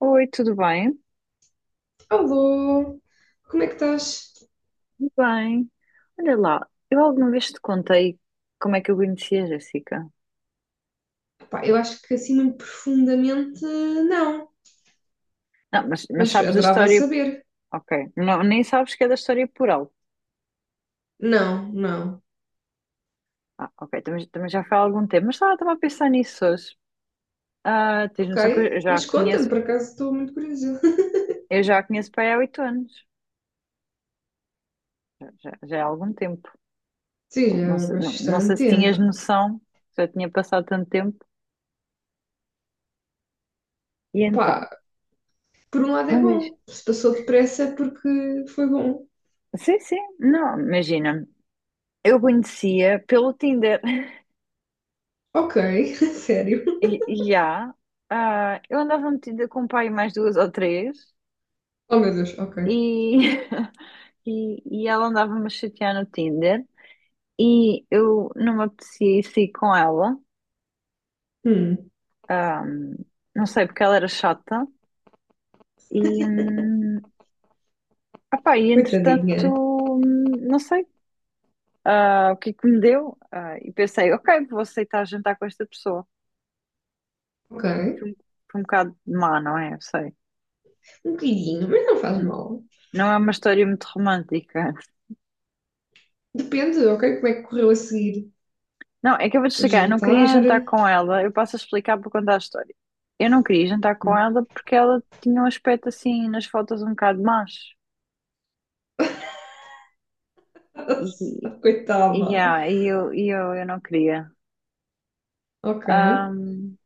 Oi, tudo bem? Alô, como é que estás? Tudo bem, olha lá, eu alguma vez te contei como é que eu conheci a Jéssica? Epá, eu acho que assim muito profundamente não, Não, mas mas sabes da adorava história. saber. Ok, não, nem sabes que é da história por alto. Não, não. Ah, ok, também já foi há algum tempo, mas estava a pensar nisso hoje. Ah, tens Ok, noção que eu já a mas conta-me, conheço, por acaso estou muito curiosa. eu já a conheço para aí há 8 anos, já há algum tempo. Sim, Não, não já há sei, não, não bastante sei se tinhas tempo. noção, se já tinha passado tanto tempo. E então, Epá, por um lado é não diz, bom, se passou depressa é porque foi bom. sim, sim, não, imagina, eu conhecia pelo Tinder. Ok, sério. E, e há. Ah, eu andava metida com o pai mais duas ou três Oh meu Deus, ok. e, e ela andava-me a chatear no Tinder e eu não me apetecia ir sair com ela. Hum, Ah, não sei, porque ela era chata e, opá, e entretanto, coitadinha. Não sei, ah, o que é que me deu. Ah, e pensei, ok, vou aceitar jantar com esta pessoa. Ok, Foi um, foi um bocado má, não é? Eu sei. um bocadinho, mas não faz N- mal. Não é uma história muito romântica. Depende, ok, como é que correu a seguir? Não, é que eu vou te O explicar, eu não queria jantar. jantar com ela, eu passo a explicar para contar a história. Eu não queria jantar com ela porque ela tinha um aspecto assim nas fotos um bocado macho. E, Nossa, e, coitada. ah, e eu, e eu, eu não queria. Ok. Ahm,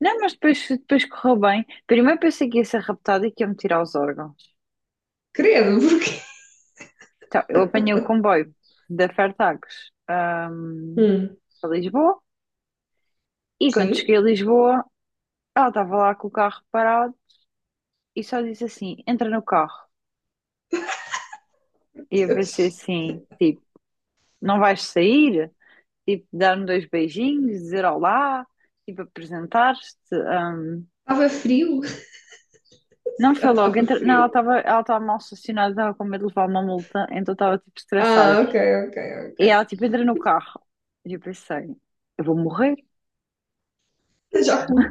não, mas depois correu bem. Primeiro pensei que ia ser raptada e que ia me tirar os órgãos. Credo, porque. Então, eu apanhei o comboio da Fertagos, Hum, para Lisboa, e quando sim. cheguei a Lisboa, ela estava lá com o carro parado e só disse assim: entra no carro. E eu Estava pensei assim, tipo, não vais sair? Tipo, dar-me dois beijinhos, dizer olá, tipo, apresentar-te. hum. frio. Se Não foi calhar logo, estava não, ela frio. estava ela estava mal estacionada, estava com medo de levar uma multa, então estava tipo estressada. Ah, ok, ok, ok. E ela tipo entra no carro. E eu pensei, eu vou morrer. Já fui.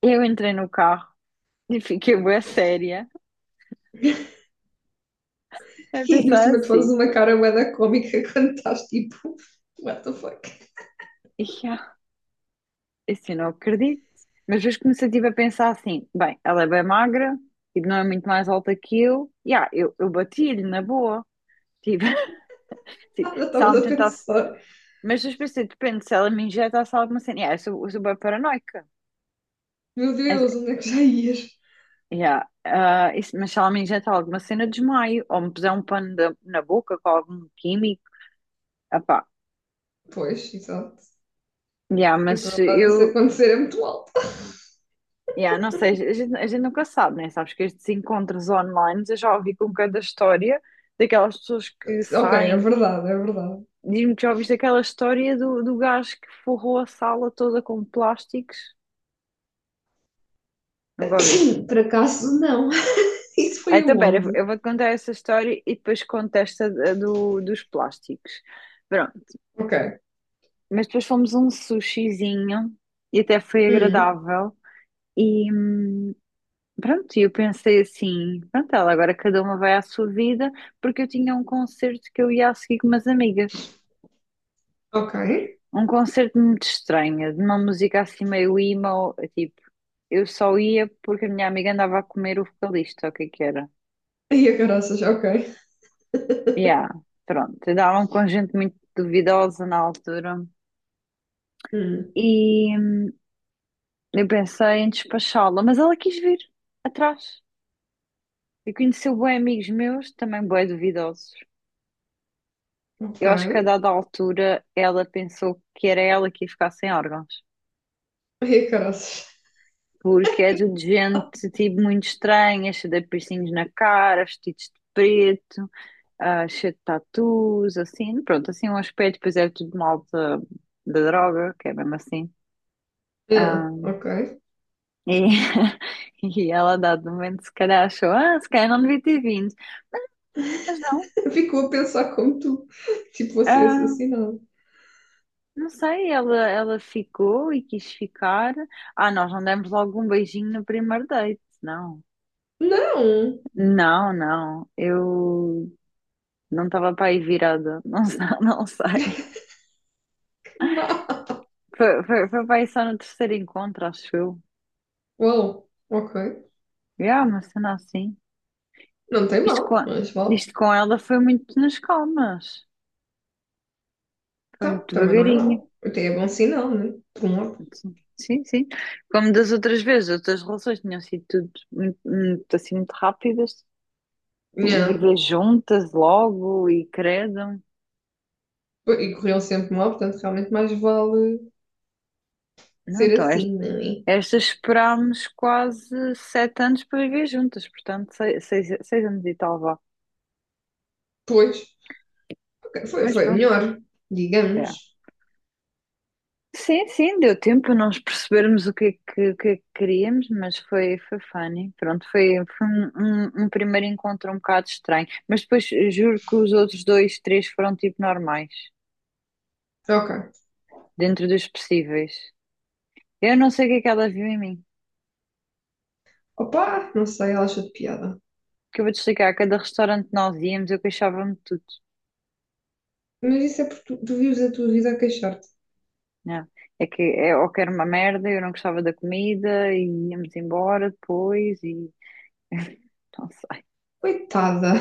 Eu entrei no carro e fiquei bué séria a E no por pensar cima tu assim. fazes uma cara bué da cómica quando estás tipo. What the fuck? e Assim, não acredito. Mas depois comecei tipo, a pensar assim: bem, ela é bem magra, tipo, não é muito mais alta que eu. Yeah, eu bati-lhe na boa. Tipo, se Nada se estavas ela me a tentasse. pensar. Mas depois pensei: depende, se ela me injetasse alguma cena. Yeah, eu sou bem paranoica. Meu Mas, Deus, onde é que já ias? Yeah, ah, isso, mas se ela me injeta alguma cena, desmaio. Ou me puser um pano na boca com algum químico. Epá, Pois, exato. yeah, E para um lado isso acontecer é muito alto. Yeah, não sei, a gente nunca sabe, né? Sabes que estes encontros online, eu já ouvi com cada história daquelas pessoas que Ok, é saem. verdade, é verdade. Diz-me que já ouviste aquela história do gajo que forrou a sala toda com plásticos. Nunca ouviste. Por acaso, não. Isso É, foi então, pera, eu aonde? eu vou-te contar essa história e depois conto esta dos plásticos. Pronto, Ok. mas depois fomos a um sushizinho e até foi Hum, agradável. E, pronto, e eu pensei assim, pronto, ela agora cada uma vai à sua vida, porque eu tinha um concerto que eu ia a seguir com umas amigas. ok. Um concerto muito estranho, de uma música assim meio emo, tipo, eu só ia porque a minha amiga andava a comer o vocalista, o que é que era? E a caraças, ok. Yeah, pronto, andavam com gente muito duvidosa na altura. Hum. E eu pensei em despachá-la, mas ela quis vir atrás. E conheceu bué amigos meus, também bué duvidosos. Ok. Eu acho que a dada altura ela pensou que era ela que ia ficar sem órgãos. Ai, caraças. Porque é tudo gente tipo muito estranha, cheia de piercings na cara, vestidos de preto, ah, cheia de tatus, assim, pronto, assim é um aspecto, pois é tudo malta da droga, que é mesmo assim. Yeah, Ah, ok. e, e ela, a dado momento, se calhar achou, ah, se calhar não devia ter vindo. Mas não, Ficou a pensar como tu, tipo, fosse ah, assassinado. não sei, ela ficou e quis ficar. Ah, nós não demos logo um beijinho no primeiro date, não. Não! Não, não. Eu não estava para aí virada. Não, não sei. Que mal! Foi para aí só no terceiro encontro, acho eu. Uau, ok. Yeah, uma cena assim. Não tem Isto mal, com, mas vale. isto com ela foi muito nas calmas. Foi Tá, muito também não é devagarinho. mal. Até é bom sinal, né? Por um lado. Sim, sim, sim. Como das outras vezes, outras relações tinham sido tudo muito, muito, assim, muito rápidas. Yeah. Viver juntas logo e credo. E corriam sempre mal, portanto, realmente mais vale Não, ser então é assim, não é? Estas esperámos quase 7 anos para viver juntas, portanto, seis anos e tal, vá. Pois. Ok, foi, Mas foi pronto, melhor, digamos. é. Sim, sim, deu tempo para nós percebermos o que é que queríamos, mas foi funny. Pronto, foi um primeiro encontro um bocado estranho. Mas depois juro que os outros dois, três foram tipo normais, Ok. dentro dos possíveis. Eu não sei o que é que ela viu em mim, Opa, não sei, ela achou de piada. que eu vou te explicar. A cada restaurante que nós íamos, eu queixava-me. Mas isso é porque tu vives a tua vida a queixar-te. Não. É que é, ou que era uma merda, eu não gostava da comida e íamos embora depois e não sei. Coitada!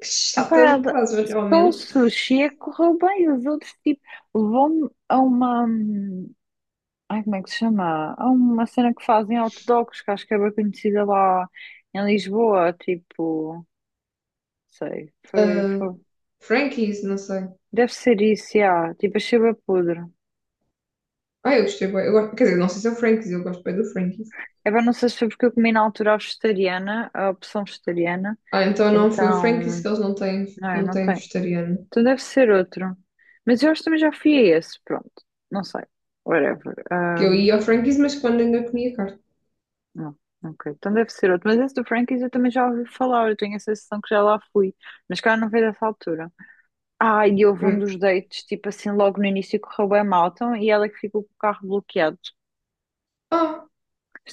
Que chata do Epá, caralho, só o realmente. sushi é que correu bem, os outros tipo levou-me a uma ai, como é que se chama? A uma cena que fazem hot dogs, que acho que é bem conhecida lá em Lisboa, tipo, não sei, foi, Ah, foi. Frankies, não sei. Deve ser isso, já. Tipo, achei bem podre. Ah, eu gostei bem. Eu gosto, quer dizer, não sei se é o Frankies, eu gosto bem do Frankies. É bem, não sei se foi porque eu comi na altura a vegetariana, a opção vegetariana, Ah, então não foi o Frankies então. que eles não têm, Não, eu não não têm tenho. vegetariano. Então deve ser outro. Mas eu acho que também já fui a esse. Pronto. Não sei. Whatever. Que eu ia ao Frankies, mas quando ainda comia carne. Não. Ok. Então deve ser outro. Mas esse do Frankie's eu também já ouvi falar. Eu tenho a sensação que já lá fui. Mas cara, não veio dessa altura. Ah, e houve um Hum. dos dates, tipo assim, logo no início correu bem mal. Então, e ela é que ficou com o carro bloqueado. Ah,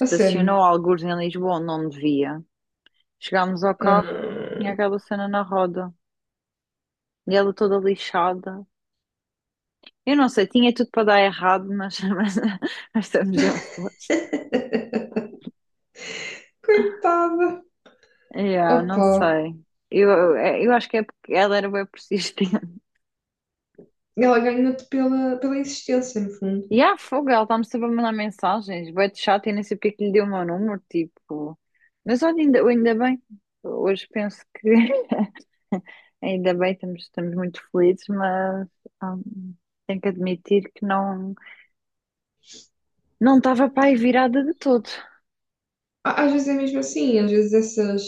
a sério. algures em Lisboa onde não devia. Chegámos ao carro. Ah. Tinha aquela cena na roda. E ela toda lixada. Eu não sei, tinha tudo para dar errado, mas, mas estamos juntos. Coitada. Yeah, não Opa. sei. Eu, eu, eu acho que é porque ela era bem persistente. Ela ganhou-te pela, pela existência, no fundo. E há fogo, ela está-me sempre a mandar mensagens. Bué de chato, eu nem sei porque que lhe deu o meu número, tipo. Mas olha, ainda bem. Hoje penso que ainda bem, estamos muito felizes, mas hum, tenho que admitir que não estava para aí virada de todo. Á- às vezes é mesmo assim, às vezes essas,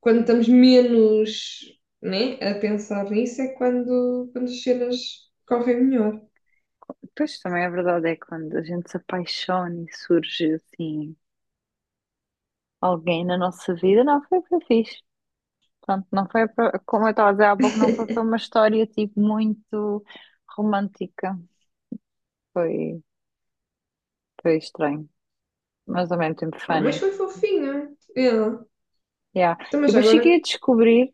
quando estamos menos, né, a pensar nisso é quando, quando as cenas correm melhor. Pois também a verdade é que quando a gente se apaixona e surge assim alguém na nossa vida, não foi, foi fixe. Pronto, não foi, como eu estava a dizer há pouco, não foi uma história tipo muito romântica. Foi, foi estranho, mas ao mesmo tempo Oh, mas funny. foi fofinha, ela. Yeah. Então, E mas depois cheguei agora, a descobrir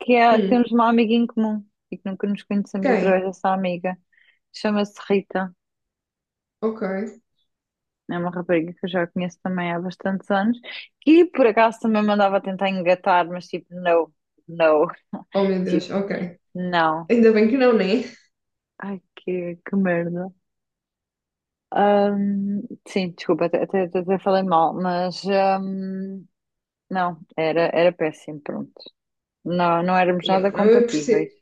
que, é, que hum, temos uma amiga em comum e que nunca nos conhecemos através quem? dessa amiga. Chama-se Rita. Ok. É uma rapariga que eu já conheço também há bastantes anos, que por acaso também me andava a tentar engatar, mas tipo, não, não, Oh meu tipo, Deus, ok. não. Ainda bem que não, né? Ai, que merda. Ahm, sim, desculpa, até falei mal, mas não, era péssimo, pronto. Não, não éramos E nada eu, não, eu compatíveis. percebo.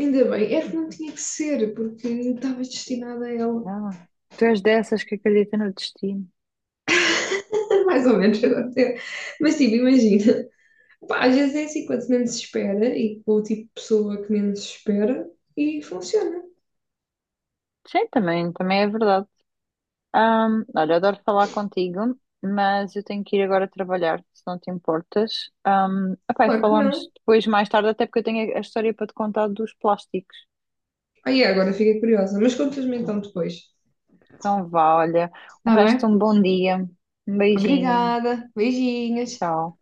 Ainda bem, é que não tinha que ser, porque eu estava destinada a ela. Ah, tu és dessas que acredita no destino. Mais ou menos, agora. Até- mas tipo, imagina. Pá, às vezes é assim, quanto menos se espera e com o tipo de pessoa que menos se espera e funciona. Sim, também é verdade. Olha, adoro falar contigo, mas eu tenho que ir agora trabalhar, se não te importas. Epá, e Claro que falamos não. depois, mais tarde, até porque eu tenho a história para te contar dos plásticos. Aí agora fiquei curiosa, mas contas-me então depois. Então vá, olha, o Tá resto bem? um bom dia, um beijinho, Obrigada. Beijinhos. tchau.